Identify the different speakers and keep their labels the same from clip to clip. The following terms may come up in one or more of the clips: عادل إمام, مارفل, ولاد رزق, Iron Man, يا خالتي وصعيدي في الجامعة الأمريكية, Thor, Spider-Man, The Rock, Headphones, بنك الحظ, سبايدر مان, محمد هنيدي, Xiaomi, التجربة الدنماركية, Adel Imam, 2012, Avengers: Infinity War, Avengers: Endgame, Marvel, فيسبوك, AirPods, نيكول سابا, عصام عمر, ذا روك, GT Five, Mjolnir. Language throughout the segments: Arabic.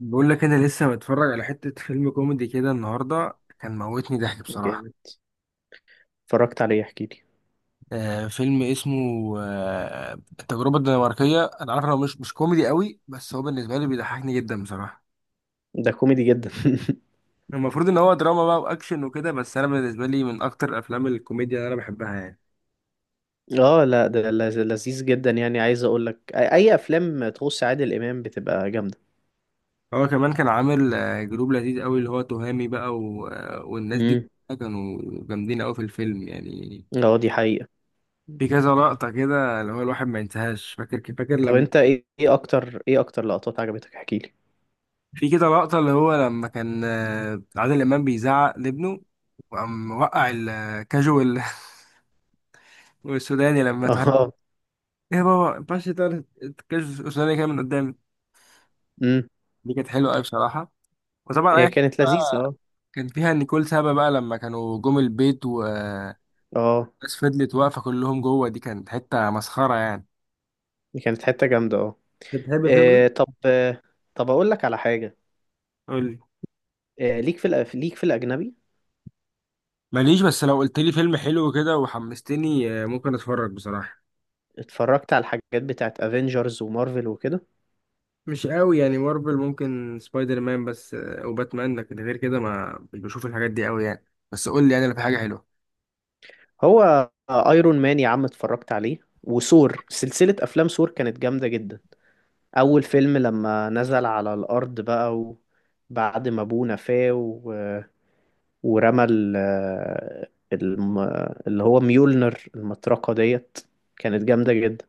Speaker 1: بقول لك انا لسه متفرج على حتة فيلم كوميدي كده النهارده، كان موتني ضحك بصراحة.
Speaker 2: جامد. اتفرجت عليه، احكي لي.
Speaker 1: فيلم اسمه آه التجربة الدنماركية. انا عارف انه مش كوميدي قوي، بس هو بالنسبة لي بيضحكني جدا بصراحة.
Speaker 2: ده كوميدي جدا.
Speaker 1: المفروض ان هو دراما بقى واكشن وكده، بس انا بالنسبة لي من اكتر افلام الكوميديا اللي انا بحبها يعني.
Speaker 2: اه لا، ده لذيذ جدا، يعني عايز اقول لك أي افلام تخص عادل امام بتبقى جامده.
Speaker 1: هو كمان كان عامل جروب لذيذ قوي، اللي هو تهامي بقى و... آه، والناس دي
Speaker 2: امم.
Speaker 1: كلها كانوا جامدين قوي في الفيلم يعني.
Speaker 2: اه دي حقيقه.
Speaker 1: في كذا لقطة كده اللي هو الواحد ما ينساهاش. فاكر
Speaker 2: طب
Speaker 1: لما
Speaker 2: انت إيه اكتر لقطات عجبتك، احكي لي.
Speaker 1: في كده لقطة اللي هو لما كان عادل إمام بيزعق لابنه، وقام وقع الكاجوال والسوداني لما تهدد:
Speaker 2: اه.
Speaker 1: إيه يا بابا، ما ينفعش تقول الكاجوال السوداني كده من قدامي.
Speaker 2: امم.
Speaker 1: دي كانت حلوة أوي بصراحة. وطبعا أي
Speaker 2: هي
Speaker 1: حاجة
Speaker 2: كانت لذيذه،
Speaker 1: بقى
Speaker 2: اه.
Speaker 1: كان فيها نيكول سابا، بقى لما كانوا جم البيت والناس
Speaker 2: اه
Speaker 1: فضلت واقفة كلهم جوه، دي كانت حتة مسخرة يعني.
Speaker 2: دي كانت حته جامده، اه.
Speaker 1: أنت بتحب الفيلم ده؟
Speaker 2: طب، طب اقول لك على حاجه.
Speaker 1: قول لي.
Speaker 2: ليك في الاجنبي؟
Speaker 1: ماليش، بس لو قلت لي فيلم حلو كده وحمستني ممكن أتفرج بصراحة.
Speaker 2: اتفرجت على الحاجات بتاعت افنجرز ومارفل وكده.
Speaker 1: مش قوي يعني مارفل، ممكن سبايدر مان بس وباتمان، لكن غير كده ما مش بشوف الحاجات دي قوي يعني. بس قول لي يعني لو في حاجه حلوه.
Speaker 2: هو ايرون مان يا عم اتفرجت عليه، وثور، سلسلة افلام ثور كانت جامدة جدا. اول فيلم لما نزل على الارض بقى، وبعد ما ابوه نفاه و... ورمى ال... الم... اللي هو ميولنر المطرقة ديت، كانت جامدة جدا.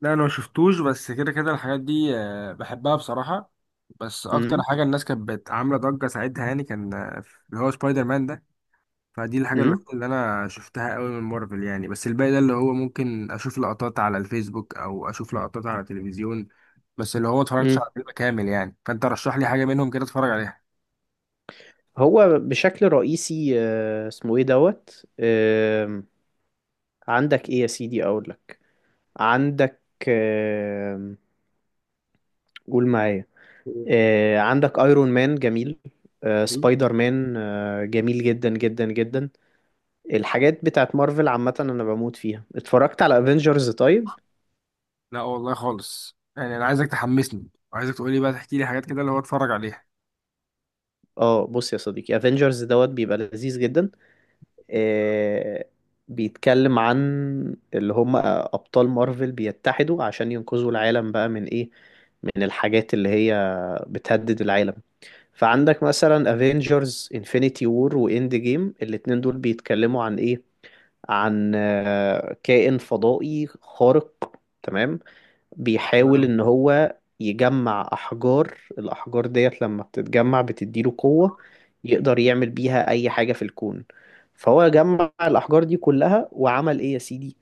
Speaker 1: لا انا ما شفتوش، بس كده كده الحاجات دي بحبها بصراحه. بس اكتر
Speaker 2: امم.
Speaker 1: حاجه الناس كانت عامله ضجه ساعتها، يعني كان اللي هو سبايدر مان ده. فدي الحاجه
Speaker 2: امم.
Speaker 1: الوحيده اللي انا شفتها قوي من مارفل يعني، بس الباقي ده اللي هو ممكن اشوف لقطات على الفيسبوك او اشوف لقطات على التلفزيون. بس اللي هو ما اتفرجتش
Speaker 2: امم.
Speaker 1: على فيلم كامل يعني، فانت رشح لي حاجه منهم كده اتفرج عليها.
Speaker 2: هو بشكل رئيسي اسمه ايه دوت، عندك ايه يا سيدي، اقول لك. عندك، آم، قول معايا. عندك ايرون مان جميل، سبايدر مان جميل جدا جدا جدا. الحاجات بتاعت مارفل عامة انا بموت فيها، اتفرجت على افنجرز طيب.
Speaker 1: لا والله خالص، يعني انا عايزك تحمسني وعايزك تقول لي بقى، تحكي لي حاجات كده اللي هو اتفرج عليها.
Speaker 2: اه بص يا صديقي، افنجرز دوت بيبقى لذيذ جدا. آه، بيتكلم عن اللي هم ابطال مارفل بيتحدوا عشان ينقذوا العالم بقى من ايه، من الحاجات اللي هي بتهدد العالم. فعندك مثلا افنجرز انفينيتي وور واند جيم، الاتنين دول بيتكلموا عن ايه، عن كائن فضائي خارق، تمام، بيحاول
Speaker 1: آه،
Speaker 2: ان هو يجمع الاحجار ديت، لما بتتجمع بتديله قوة، يقدر يعمل بيها اي حاجة في الكون. فهو جمع الاحجار دي كلها، وعمل ايه يا سيدي،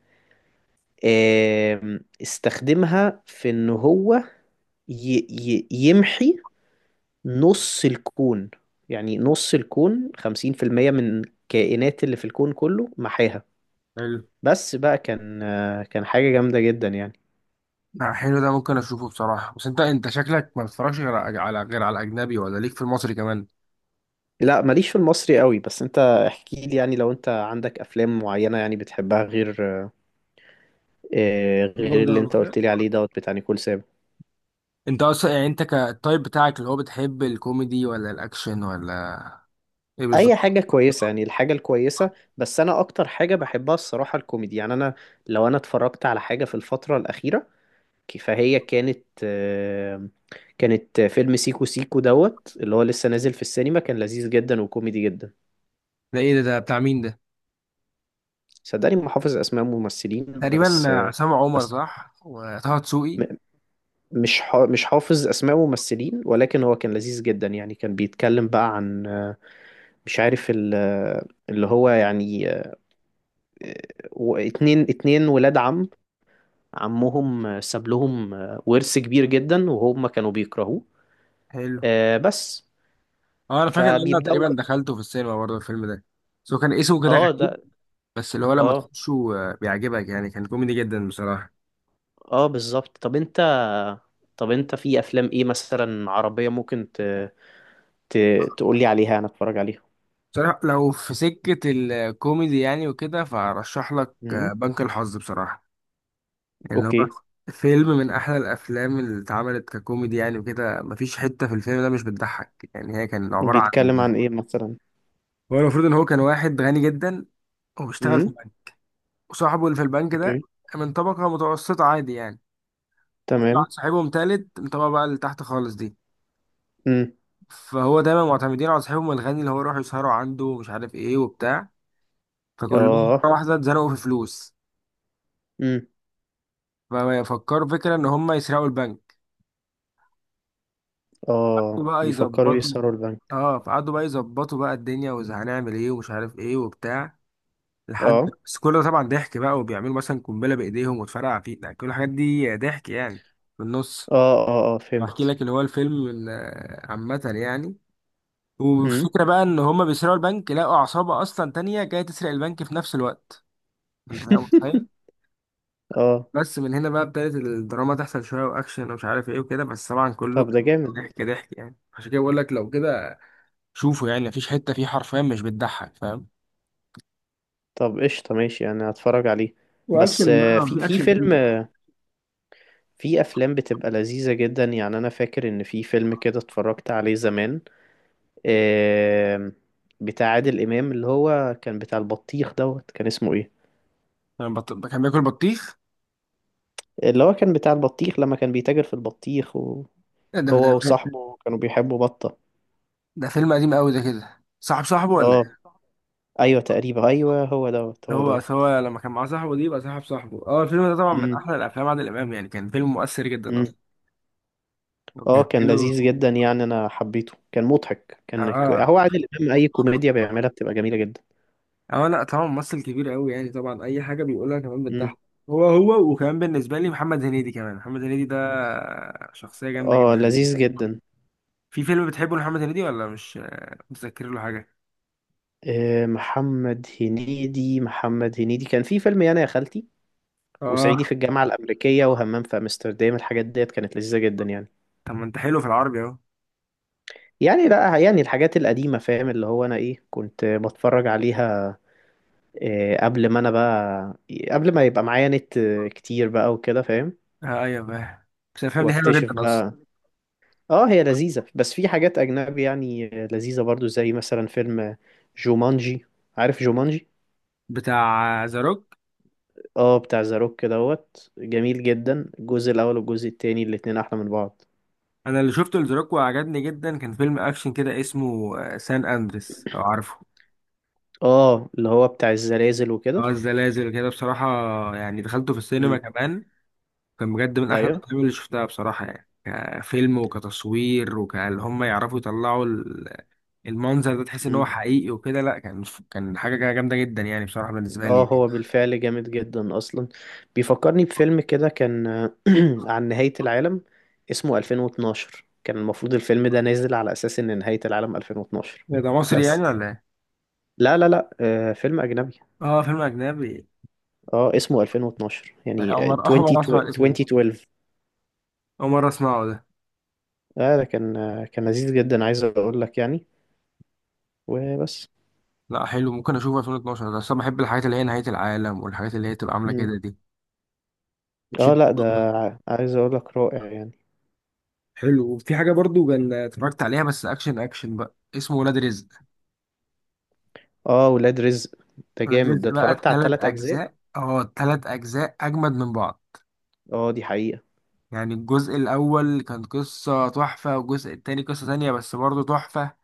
Speaker 2: استخدمها في ان هو ي ي يمحي نص الكون. يعني نص الكون، 50% من الكائنات اللي في الكون كله محاها.
Speaker 1: حلو.
Speaker 2: بس بقى، كان حاجة جامدة جدا يعني.
Speaker 1: حلو ده ممكن اشوفه بصراحه. بس انت انت شكلك ما بتتفرجش غير على غير على الاجنبي، ولا ليك في المصري كمان؟
Speaker 2: لا، ماليش في المصري قوي، بس انت احكي لي يعني، لو انت عندك افلام معينة يعني بتحبها، غير
Speaker 1: برافو
Speaker 2: غير
Speaker 1: ده
Speaker 2: اللي
Speaker 1: ولا
Speaker 2: انت
Speaker 1: كده؟
Speaker 2: قلت لي عليه دوت بتاع نيكول سابا.
Speaker 1: انت اصلا يعني، انت كالتايب بتاعك اللي هو بتحب الكوميدي ولا الاكشن ولا ايه
Speaker 2: اي
Speaker 1: بالظبط؟
Speaker 2: حاجة كويسة يعني، الحاجة الكويسة. بس انا اكتر حاجة بحبها الصراحة الكوميدي، يعني انا لو انا اتفرجت على حاجة في الفترة الأخيرة، فهي كانت، كانت فيلم سيكو سيكو دوت اللي هو لسه نازل في السينما، كان لذيذ جدا وكوميدي جدا.
Speaker 1: ده ايه ده بتاع مين ده؟
Speaker 2: صدقني ما حافظ اسماء ممثلين،
Speaker 1: تقريبا
Speaker 2: بس
Speaker 1: عصام عمر
Speaker 2: بس
Speaker 1: صح، وطه دسوقي.
Speaker 2: م- مش حافظ اسماء ممثلين، ولكن هو كان لذيذ جدا يعني. كان بيتكلم بقى عن مش عارف اللي هو يعني اتنين ولاد عم، عمهم ساب لهم ورث كبير جدا، وهم كانوا بيكرهوه.
Speaker 1: حلو.
Speaker 2: آه، بس
Speaker 1: اه انا فاكر ان انا
Speaker 2: فبيبدأوا
Speaker 1: تقريبا
Speaker 2: بقى-
Speaker 1: دخلته في السينما برضه الفيلم ده، بس هو كان اسمه كده
Speaker 2: اه ده.
Speaker 1: غريب. بس اللي هو لما
Speaker 2: اه،
Speaker 1: تخشه بيعجبك يعني، كان كوميدي جدا بصراحة.
Speaker 2: اه بالظبط. طب انت، طب انت في افلام ايه مثلا عربية ممكن ت... تقولي عليها انا اتفرج عليها.
Speaker 1: بصراحة لو في سكة الكوميدي يعني وكده، فأرشح لك
Speaker 2: امم.
Speaker 1: بنك الحظ بصراحة. يعني هو
Speaker 2: اوكي.
Speaker 1: فيلم من أحلى الأفلام اللي اتعملت ككوميدي يعني وكده، مفيش حتة في الفيلم ده مش بتضحك يعني. هي كان عبارة عن
Speaker 2: بيتكلم عن ايه مثلا؟
Speaker 1: هو المفروض إن هو كان واحد غني جدا، وبيشتغل في بنك، وصاحبه اللي في البنك ده
Speaker 2: اوكي.
Speaker 1: من طبقة متوسطة عادي يعني. وطلع
Speaker 2: تمام.
Speaker 1: صاحبهم تالت من الطبقة بقى اللي تحت خالص دي،
Speaker 2: امم.
Speaker 1: فهو دايما معتمدين على صاحبهم الغني، اللي هو يروحوا يسهروا عنده ومش عارف ايه وبتاع. فكلهم
Speaker 2: اه.
Speaker 1: مرة واحدة اتزنقوا في فلوس،
Speaker 2: امم.
Speaker 1: ففكروا فكرة ان هم يسرقوا البنك
Speaker 2: اه
Speaker 1: بقى
Speaker 2: بيفكروا
Speaker 1: يظبطوا.
Speaker 2: يسرقوا البنك.
Speaker 1: اه فقعدوا بقى يظبطوا بقى الدنيا وهنعمل ايه ومش عارف ايه وبتاع لحد،
Speaker 2: اه،
Speaker 1: بس كل ده طبعا ضحك بقى. وبيعملوا مثلا قنبلة بإيديهم وتفرقع فيه يعني، كل الحاجات دي ضحك يعني. في النص
Speaker 2: اه، اه، اه
Speaker 1: بحكي
Speaker 2: فهمت.
Speaker 1: لك اللي هو الفيلم عامة يعني.
Speaker 2: امم.
Speaker 1: والفكرة بقى ان هم بيسرقوا البنك لقوا عصابة اصلا تانية جاية تسرق البنك في نفس الوقت. انت بقى متخيل.
Speaker 2: اه.
Speaker 1: بس من هنا بقى ابتدت الدراما تحصل، شويه واكشن ومش عارف ايه وكده، بس طبعا كله
Speaker 2: طب
Speaker 1: كان
Speaker 2: ده جامد
Speaker 1: ضحك
Speaker 2: ده.
Speaker 1: ضحك يعني. عشان كده بقول لك لو كده شوفه، يعني مفيش حته فيه حرفيا مش بتضحك، فاهم.
Speaker 2: طب قشطة، ماشي، انا هتفرج عليه. بس
Speaker 1: واكشن بقى
Speaker 2: في
Speaker 1: في
Speaker 2: في
Speaker 1: اكشن
Speaker 2: فيلم،
Speaker 1: كتير.
Speaker 2: في افلام بتبقى لذيذة جدا. يعني انا فاكر ان في فيلم كده اتفرجت عليه زمان، آم، بتاع عادل امام اللي هو كان بتاع البطيخ دوت، كان اسمه ايه؟
Speaker 1: يعني كان بياكل بطيخ.
Speaker 2: اللي هو كان بتاع البطيخ، لما كان بيتاجر في البطيخ، وهو
Speaker 1: إيه ده؟ ده
Speaker 2: وصاحبه كانوا بيحبوا بطة.
Speaker 1: ده فيلم قديم قوي ده كده، صاحب صاحبه ولا
Speaker 2: اه.
Speaker 1: ايه؟
Speaker 2: ايوه تقريبا، ايوه هو دوت هو
Speaker 1: هو أصل
Speaker 2: دوت.
Speaker 1: هو لما كان معاه صاحبه دي يبقى صاحب صاحبه. اه الفيلم ده طبعا من
Speaker 2: امم.
Speaker 1: احلى الافلام عادل امام يعني، كان فيلم مؤثر جدا
Speaker 2: امم.
Speaker 1: اصلا،
Speaker 2: اه
Speaker 1: وكان
Speaker 2: كان
Speaker 1: حلو.
Speaker 2: لذيذ جدا يعني، انا حبيته، كان مضحك،
Speaker 1: اه.
Speaker 2: هو عادل امام، اي كوميديا بيعملها بتبقى جميله جدا.
Speaker 1: اه لا طبعا ممثل كبير قوي يعني، طبعا اي حاجه بيقولها كمان
Speaker 2: امم.
Speaker 1: بتضحك. هو وكمان بالنسبه لي محمد هنيدي، كمان محمد هنيدي ده شخصيه جامده
Speaker 2: اه
Speaker 1: جدا.
Speaker 2: لذيذ جدا.
Speaker 1: في فيلم بتحبه لمحمد هنيدي ولا مش متذكر له حاجه؟
Speaker 2: آه، محمد هنيدي كان في فيلم يعني يا خالتي،
Speaker 1: اه.
Speaker 2: وصعيدي في الجامعه الامريكيه، وهمام في امستردام، الحاجات ديت كانت لذيذه جدا يعني.
Speaker 1: طب ما انت حلو في العربي اهو.
Speaker 2: يعني لا، يعني الحاجات القديمه فاهم، اللي هو انا ايه كنت بتفرج عليها، إيه، قبل ما يبقى معايا نت كتير بقى وكده فاهم،
Speaker 1: ايوه فاهم، بس الافلام دي حلوه
Speaker 2: واكتشف
Speaker 1: جدا اصلا.
Speaker 2: بقى. اه هي لذيذة، بس في حاجات اجنبي يعني لذيذة برضو، زي مثلا فيلم جومانجي. عارف جومانجي؟
Speaker 1: بتاع ذا روك.
Speaker 2: اه بتاع ذا روك دوت، جميل جدا، الجزء الاول والجزء التاني الاتنين احلى من بعض.
Speaker 1: انا اللي شفته لذا روك وعجبني جدا، كان فيلم اكشن كده اسمه سان اندريس لو عارفه.
Speaker 2: اه اللي هو بتاع الزلازل
Speaker 1: اه
Speaker 2: وكده.
Speaker 1: الزلازل كده بصراحه، يعني دخلته في السينما
Speaker 2: امم.
Speaker 1: كمان. كان بجد من احلى
Speaker 2: ايوه.
Speaker 1: الافلام اللي شفتها بصراحه يعني، كفيلم وكتصوير. وكان هم يعرفوا يطلعوا المنظر ده، تحس ان هو
Speaker 2: امم.
Speaker 1: حقيقي وكده. لا كان كان حاجه كده جامده جدا يعني بصراحه بالنسبه لي
Speaker 2: اه
Speaker 1: يعني.
Speaker 2: هو بالفعل جامد جدا اصلا، بيفكرني بفيلم كده كان عن نهاية العالم، اسمه 2012. كان المفروض الفيلم ده نازل على اساس ان نهاية العالم 2012.
Speaker 1: إيه ده، مصري يعني
Speaker 2: بس
Speaker 1: ولا ايه؟
Speaker 2: لا، لا، لا، آه فيلم اجنبي.
Speaker 1: اه فيلم اجنبي.
Speaker 2: اه اسمه 2012
Speaker 1: لا،
Speaker 2: يعني،
Speaker 1: اول مره
Speaker 2: 20،
Speaker 1: اول مره اسمع الاسم ده.
Speaker 2: 2012.
Speaker 1: اول مره اسمعه ده.
Speaker 2: اه ده كان لذيذ جدا، عايز اقول لك يعني. وبس.
Speaker 1: لا حلو، ممكن اشوفه. 2012 ده اصلا بحب الحاجات اللي هي نهايه العالم، والحاجات اللي هي تبقى عامله
Speaker 2: مم.
Speaker 1: كده دي
Speaker 2: اه
Speaker 1: بتشد
Speaker 2: لا ده،
Speaker 1: بصراحة.
Speaker 2: عايز اقول لك رائع يعني.
Speaker 1: حلو. وفي حاجه برضو كان اتفرجت عليها بس اكشن اكشن بقى، اسمه ولاد رزق.
Speaker 2: اه ولاد رزق، ده
Speaker 1: ولاد
Speaker 2: جامد ده،
Speaker 1: بقى
Speaker 2: اتفرجت على
Speaker 1: التلات
Speaker 2: الثلاث اجزاء.
Speaker 1: أجزاء، اه التلات أجزاء أجمد من بعض.
Speaker 2: اه دي حقيقة.
Speaker 1: يعني الجزء الأول كان قصة تحفة، والجزء التاني قصة تانية بس برضه تحفة،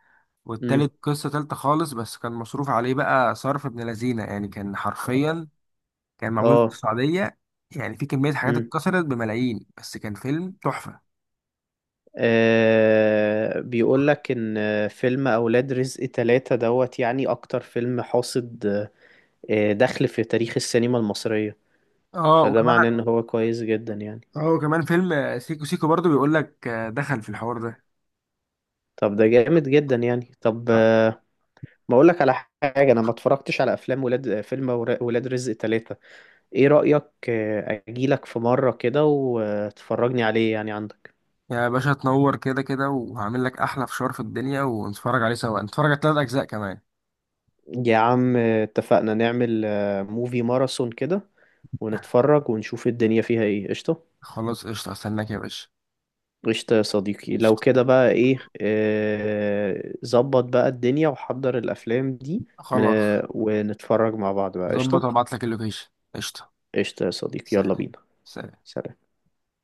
Speaker 2: مم.
Speaker 1: والتالت قصة تالتة خالص. بس كان مصروف عليه بقى صرف ابن لذينة يعني، كان حرفيا كان معمول في
Speaker 2: اه.
Speaker 1: السعودية. يعني في كمية حاجات
Speaker 2: مم.
Speaker 1: اتكسرت بملايين، بس كان فيلم تحفة.
Speaker 2: آه بيقول لك ان فيلم اولاد رزق ثلاثة دوت يعني اكتر فيلم حاصد، دخل في تاريخ السينما المصرية.
Speaker 1: اه
Speaker 2: فده
Speaker 1: وكمان.
Speaker 2: معناه ان هو كويس جدا يعني.
Speaker 1: اه وكمان فيلم سيكو سيكو برضه بيقول لك دخل في الحوار
Speaker 2: طب ده جامد جدا يعني. طب
Speaker 1: ده.
Speaker 2: ما اقول لك على حاجة، انا ما اتفرجتش على افلام ولاد رزق ثلاثة. ايه رأيك اجيلك في مرة كده وتفرجني عليه، يعني عندك.
Speaker 1: يعني يا باشا تنور كده كده، وهعمل لك احلى فشار في الدنيا ونتفرج عليه سوا، نتفرج على ثلاث اجزاء كمان.
Speaker 2: يا عم اتفقنا نعمل موفي ماراثون كده، ونتفرج ونشوف الدنيا فيها ايه، قشطة.
Speaker 1: خلاص قشطه، استناك يا باشا.
Speaker 2: قشطة يا صديقي، لو
Speaker 1: قشطه.
Speaker 2: كده بقى ايه، ظبط بقى الدنيا وحضر الأفلام دي.
Speaker 1: خلاص.
Speaker 2: ونتفرج مع بعض بقى،
Speaker 1: ظبط،
Speaker 2: قشطة.
Speaker 1: وابعت لك اللوكيشن. قشطه.
Speaker 2: قشطة يا صديقي، يلا
Speaker 1: سلام.
Speaker 2: بينا.
Speaker 1: سلام.
Speaker 2: سلام.